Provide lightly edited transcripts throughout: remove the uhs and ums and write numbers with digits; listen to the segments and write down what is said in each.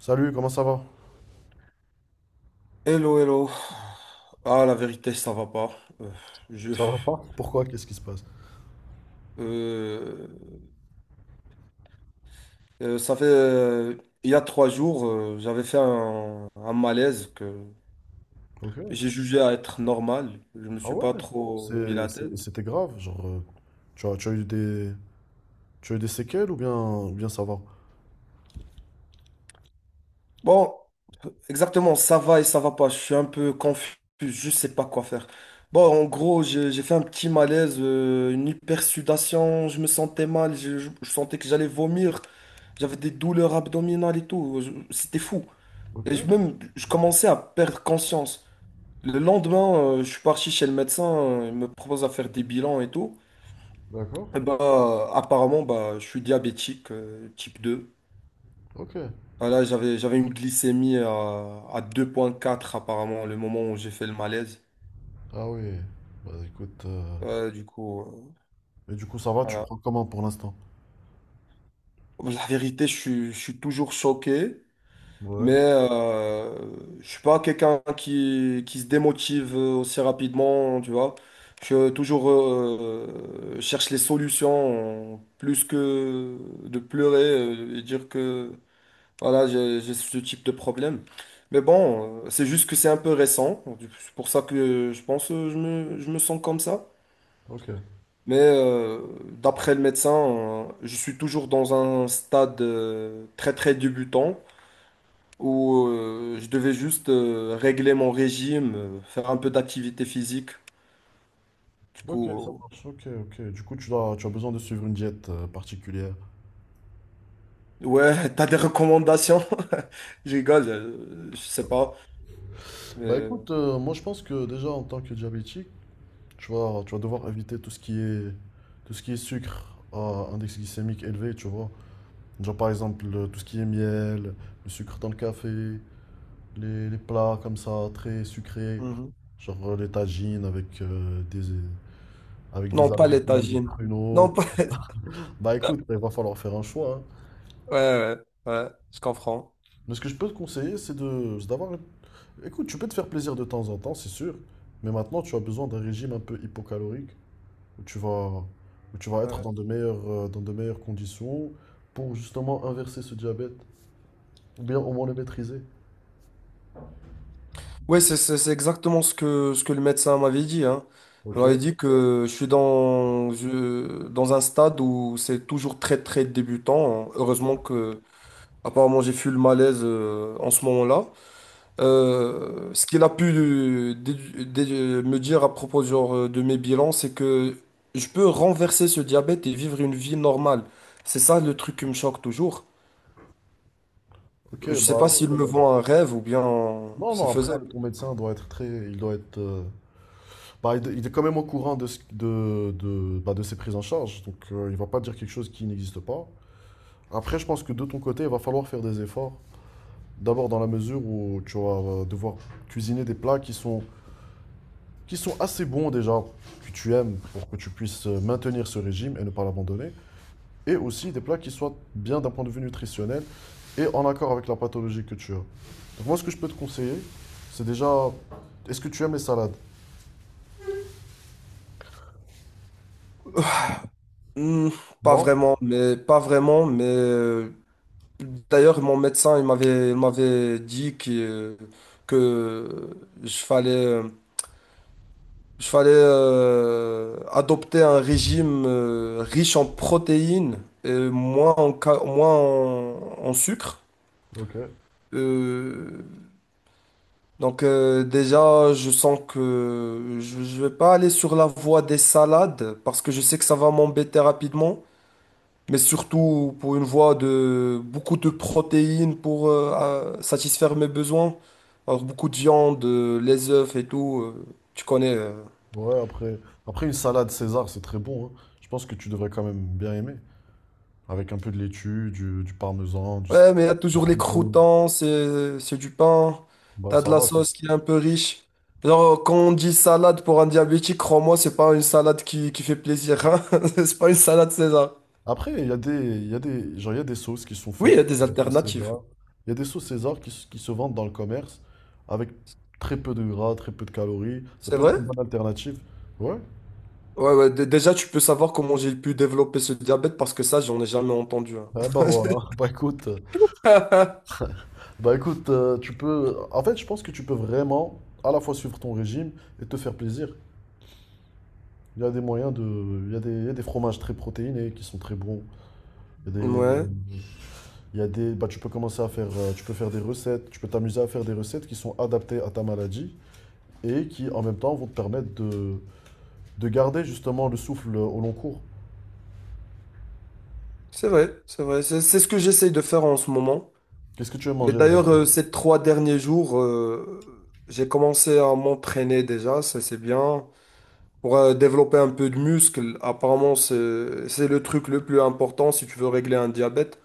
Salut, comment ça va? Hello, hello. Ah, la vérité, ça va pas. Euh, je, Pourquoi? Qu'est-ce qui se passe? euh, euh, ça fait, euh, il y a 3 jours, j'avais fait un malaise que Ok. j'ai jugé à être normal. Je me suis pas trop mis la tête. C'était grave, genre, tu as eu tu as eu des séquelles ou bien ça va? Bon, exactement, ça va et ça va pas. Je suis un peu confus. Je sais pas quoi faire. Bon, en gros, j'ai fait un petit malaise, une hypersudation. Je me sentais mal. Je sentais que j'allais vomir. J'avais des douleurs abdominales et tout. C'était fou. Ok, Et même, je commençais à perdre conscience. Le lendemain, je suis parti chez le médecin, il me propose à faire des bilans et tout. d'accord. Et bah, apparemment, bah, je suis diabétique type 2. Ok. Voilà, j'avais une glycémie à 2,4 apparemment, le moment où j'ai fait le malaise. Ah oui. Bah écoute, Du coup, et du coup ça va, tu le voilà. prends comment pour l'instant? La vérité, je suis toujours choqué. Mais Ouais. Je suis pas quelqu'un qui se démotive aussi rapidement, tu vois. Je toujours cherche les solutions plus que de pleurer et dire que voilà, j'ai ce type de problème. Mais bon, c'est juste que c'est un peu récent. C'est pour ça que je pense que je me sens comme ça. Ok. Mais d'après le médecin, je suis toujours dans un stade très très débutant où je devais juste régler mon régime, faire un peu d'activité physique. Du Ok, ça coup, marche. Ok, ok. Du coup, tu as besoin de suivre une diète particulière. Ouais, t'as des recommandations? Je rigole, je sais pas. Bah mais- écoute, moi je pense que déjà en tant que diabétique, tu vas devoir éviter tout ce qui est sucre à index glycémique élevé, tu vois. Genre par exemple tout ce qui est miel, le sucre dans le café, les plats comme ça, très sucrés, Mhm. genre les tagines avec, avec des Non, pas les abricots et des tagines. Non, pruneaux. pas. Bah écoute, il va falloir faire un choix, hein. Ouais, ouais, ouais, je comprends. Mais ce que je peux te conseiller, c'est d'avoir... Écoute, tu peux te faire plaisir de temps en temps, c'est sûr, mais maintenant tu as besoin d'un régime un peu hypocalorique, où tu vas, où tu vas être Ouais, dans de meilleures conditions pour justement inverser ce diabète, ou bien au moins le maîtriser. ouais, c'est exactement ce que le médecin m'avait dit, hein. Il Ok? m'avait dit que je suis dans un stade où c'est toujours très, très débutant, hein. Heureusement que, apparemment, j'ai fui le malaise en ce moment-là. Ce qu'il a pu me dire à propos genre, de mes bilans, c'est que je peux renverser ce diabète et vivre une vie normale. C'est ça le truc qui me choque toujours. Ok, Je sais bah pas alors. s'il me vend un rêve ou bien Non, c'est non, après, faisable. ton médecin doit être très. Il doit être, bah, il est quand même au courant de, bah, de ses prises en charge. Donc, il va pas dire quelque chose qui n'existe pas. Après, je pense que de ton côté, il va falloir faire des efforts. D'abord, dans la mesure où tu vas devoir cuisiner des plats qui sont assez bons déjà, que tu aimes, pour que tu puisses maintenir ce régime et ne pas l'abandonner. Et aussi des plats qui soient bien d'un point de vue nutritionnel et en accord avec la pathologie que tu as. Donc moi, ce que je peux te conseiller, c'est déjà, est-ce que tu aimes les salades? Hmm, pas Non? vraiment, mais pas vraiment. Mais d'ailleurs mon médecin il m'avait dit que je fallait Il fallait adopter un régime riche en protéines et moins en, ca- moins en, en sucre. Ok. Euh, donc déjà, je sens que je ne vais pas aller sur la voie des salades parce que je sais que ça va m'embêter rapidement, mais surtout pour une voie de beaucoup de protéines pour satisfaire mes besoins. Alors beaucoup de viande, les œufs et tout, tu connais. Ouais, après une salade César, c'est très bon, hein. Je pense que tu devrais quand même bien aimer. Avec un peu de laitue, du parmesan, du, Ouais, mais il y a des toujours les croutons. croûtons, c'est du pain. Bah T'as ça de la va. sauce qui est un peu riche. Genre, quand on dit salade pour un diabétique, crois-moi, c'est pas une salade qui fait plaisir, hein. C'est pas une salade César. Après, il y a des, il y a des, genre, il y a des sauces qui sont Oui, il y faites, a des des sauces alternatives. César. Il y a des sauces César qui, s- qui se vendent dans le commerce avec très peu de gras, très peu de calories. Ça C'est peut vrai? être une bonne alternative. Ouais. Ouais, ouais, déjà, tu peux savoir comment j'ai pu développer ce diabète parce que ça, j'en ai jamais entendu, hein. Ah bah voilà. Bah écoute, tu peux. En fait, je pense que tu peux vraiment à la fois suivre ton régime et te faire plaisir. Il y a des moyens de. Il y a des fromages très protéinés qui sont très bons. Il y a des. Ouais, Il y a des. Bah tu peux commencer à faire, tu peux faire des recettes. Tu peux t'amuser à faire des recettes qui sont adaptées à ta maladie et qui en même temps vont te permettre de garder justement le souffle au long cours. c'est vrai, c'est vrai. C'est ce que j'essaye de faire en ce moment. Qu'est-ce que tu veux Et manger d'ailleurs, d'habitude? Ces 3 derniers jours, j'ai commencé à m'entraîner déjà, ça c'est bien. Pour développer un peu de muscle, apparemment, c'est le truc le plus important si tu veux régler un diabète.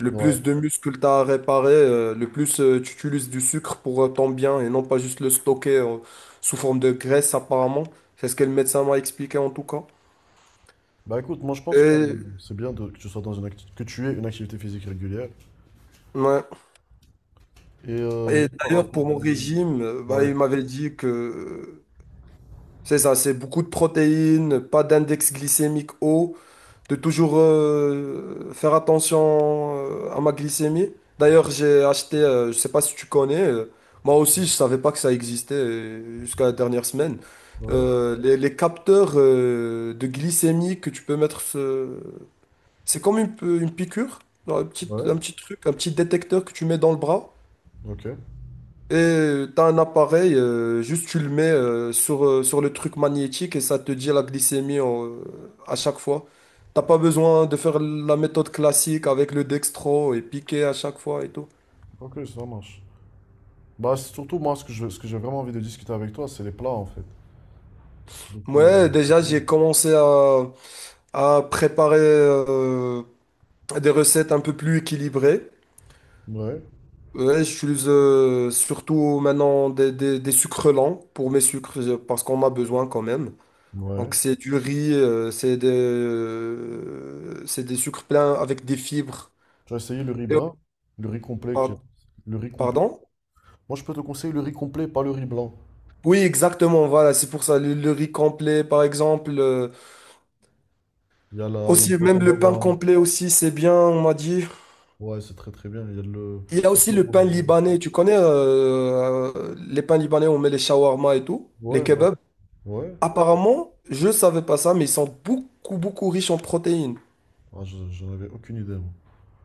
Le Ouais. plus de muscles tu as à réparer, le plus tu utilises du sucre pour ton bien et non pas juste le stocker sous forme de graisse, apparemment. C'est ce que le médecin m'a expliqué en tout cas. Bah écoute, moi je pense que Et, que tu sois dans une que tu aies une activité physique régulière. ouais. Et Et juste par d'ailleurs, rapport pour mon régime, au- bah, Ouais, il m'avait dit que c'est ça, c'est beaucoup de protéines, pas d'index glycémique haut, de toujours faire attention à ma glycémie. D'ailleurs, j'ai acheté, je sais pas si tu connais, moi aussi je savais pas que ça existait jusqu'à la dernière semaine. ouais, Les capteurs de glycémie que tu peux mettre, c'est comme une piqûre, genre ouais. un petit truc, un petit détecteur que tu mets dans le bras. Ok, Et t'as un appareil, juste tu le mets sur le truc magnétique et ça te dit la glycémie à chaque fois. T'as pas besoin de faire la méthode classique avec le dextro et piquer à chaque fois et tout. ok, ça marche. Bah c'est surtout moi ce que je, ce que j'ai vraiment envie de discuter avec toi, c'est les plats en fait. Donc Ouais, déjà j'ai commencé à préparer des recettes un peu plus équilibrées. ouais, Ouais, j'utilise surtout maintenant des sucres lents pour mes sucres parce qu'on a besoin quand même. Donc ouais. c'est du riz, c'est des sucres pleins avec des fibres. Tu as essayé le riz Et- brun? Le riz complet qui est- par- Le riz complet. Pardon? Moi je peux te conseiller le riz complet, pas le riz blanc. Oui, exactement, voilà, c'est pour ça. Le riz complet, par exemple. Il y a le Aussi, même flocon le pain d'avoine. complet aussi, c'est bien, on m'a dit. Ouais, c'est très très bien. Il y a le. Il y a le aussi pot le qu'on a pain remis. libanais. Tu connais les pains libanais, on met les shawarma et tout, les Ouais, bah, kebabs. ouais. Apparemment, je savais pas ça, mais ils sont beaucoup, beaucoup riches en protéines. Ah, j'en avais aucune idée, moi.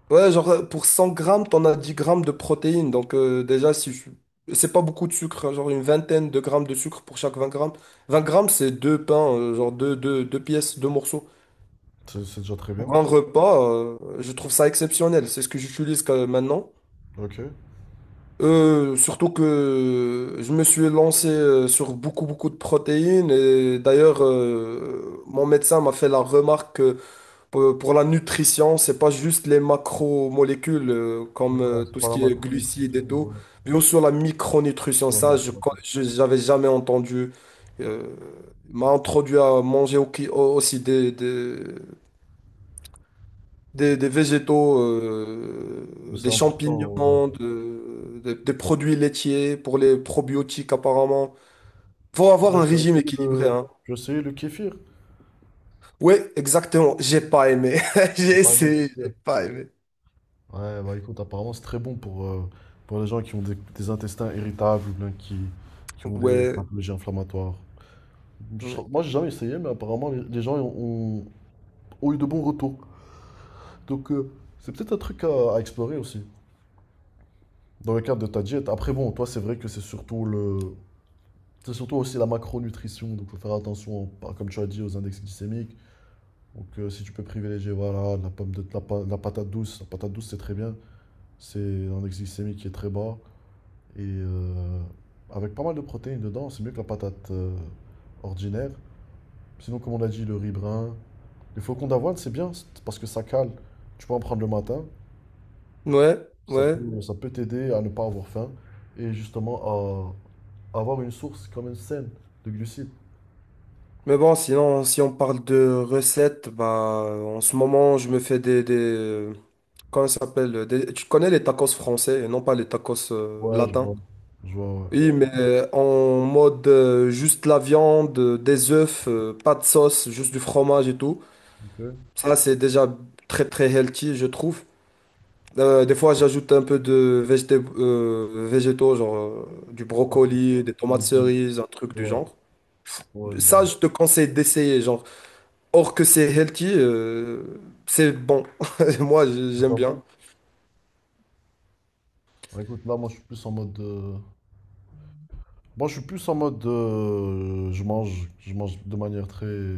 Ouais, genre pour 100 grammes, t'en as 10 grammes de protéines. Donc déjà, si je- c'est pas beaucoup de sucre, hein, genre une vingtaine de grammes de sucre pour chaque 20 grammes. 20 grammes, c'est deux pains, genre deux, deux, deux pièces, deux morceaux. C'est déjà très bien. Pour un repas, je trouve ça exceptionnel. C'est ce que j'utilise maintenant. Ok. Surtout que je me suis lancé sur beaucoup, beaucoup de protéines. Et d'ailleurs, mon médecin m'a fait la remarque. Pour la nutrition, c'est pas juste les macromolécules comme Ouais, c'est tout ce pas la qui est glucides macronutrition. et tout, Ouais, mais aussi la micronutrition. ouais, Ça, ouais. J'avais jamais entendu. Euh, M'a introduit à manger aussi des, des végétaux, Mais c'est des important. Ouais. champignons, des produits laitiers pour les probiotiques apparemment. Faut avoir Ouais, un j'ai régime essayé équilibré, le... hein. J'ai essayé le kéfir. Ouais, exactement. J'ai pas aimé. T'as J'ai pas aimé le essayé, j'ai kéfir. pas aimé. Ouais, bah écoute, apparemment c'est très bon pour les gens qui ont des intestins irritables ou bien qui ont des Ouais. pathologies inflammatoires. Ouais. Moi, j'ai jamais essayé, mais apparemment les gens ont eu de bons retours. Donc, c'est peut-être un truc à explorer aussi, dans le cadre de ta diète. Après, bon, toi, c'est vrai que c'est surtout le... C'est surtout aussi la macronutrition, donc il faut faire attention, par- comme tu as dit, aux index glycémiques. Donc si tu peux privilégier voilà, de la patate douce c'est très bien, c'est un index glycémique qui est très bas et avec pas mal de protéines dedans, c'est mieux que la patate ordinaire. Sinon, comme on a dit, le riz brun, le flocons d'avoine c'est bien parce que ça cale. Tu peux en prendre le matin. Ouais, ouais. Ça peut t'aider à ne pas avoir faim et justement à avoir une source quand même saine de glucides. Mais bon, sinon, si on parle de recettes, bah, en ce moment, je me fais comment ça s'appelle, tu connais les tacos français et non pas les tacos Ouais, je latins. vois. Je vois, ouais. Oui, mais en mode juste la viande, des œufs, pas de sauce, juste du fromage et tout. Ok. Ouais, Ça, c'est déjà très, très healthy, je trouve. Des fois, j'ajoute un peu de végétaux, genre du brocoli, des je vois tomates des légumes. cerises, un truc du Ouais, genre. ouais, je Ça, vois. je te conseille d'essayer, genre. Or que c'est healthy, c'est bon. Moi, j'aime Enfin bien. bon. Alors, écoute, là, moi, je suis plus en mode, moi, je suis plus en mode, je mange de manière très,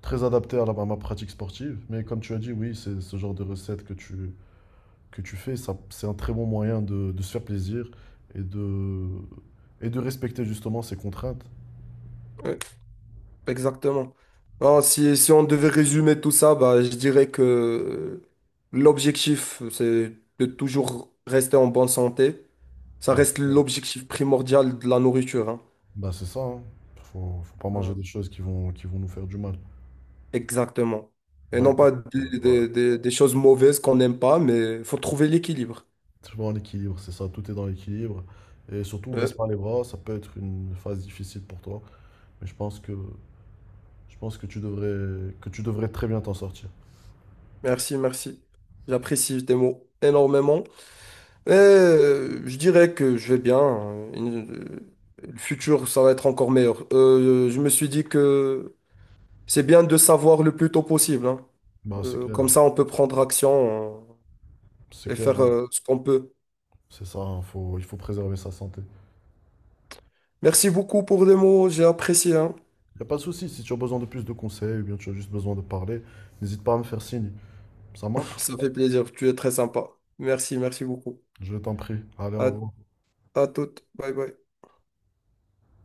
très adaptée à, à ma pratique sportive. Mais comme tu as dit, oui, c'est ce genre de recette que tu fais, ça, c'est un très bon moyen de se faire plaisir et de, et de respecter justement ces contraintes. Ouais, exactement. Alors, si on devait résumer tout ça, bah, je dirais que l'objectif, c'est de toujours rester en bonne santé. Ça Bah, reste bah, l'objectif primordial de la nourriture, hein. bah, c'est ça, hein. Faut, faut pas manger Euh, des choses qui vont nous faire du mal. Exactement. Et Bah non écoute, pas des, ouais, des choses mauvaises qu'on n'aime pas, mais il faut trouver l'équilibre. c'est vraiment l'équilibre, c'est ça, tout est dans l'équilibre. Et surtout, baisse Ouais. pas les bras, ça peut être une phase difficile pour toi, mais je pense que que tu devrais très bien t'en sortir. Merci, merci. J'apprécie tes mots énormément. Et je dirais que je vais bien, hein. Le futur, ça va être encore meilleur. Je me suis dit que c'est bien de savoir le plus tôt possible, hein. Bah Comme ça, on peut prendre action c'est et clair, faire hein. Ce qu'on peut. C'est ça, hein, faut, il faut préserver sa santé. Merci beaucoup pour les mots, j'ai apprécié, hein. Il n'y a pas de souci, si tu as besoin de plus de conseils ou bien tu as juste besoin de parler, n'hésite pas à me faire signe. Ça marche? Ça fait plaisir, tu es très sympa. Merci, merci beaucoup. Je t'en prie. Allez, au À revoir. À toutes. Bye bye.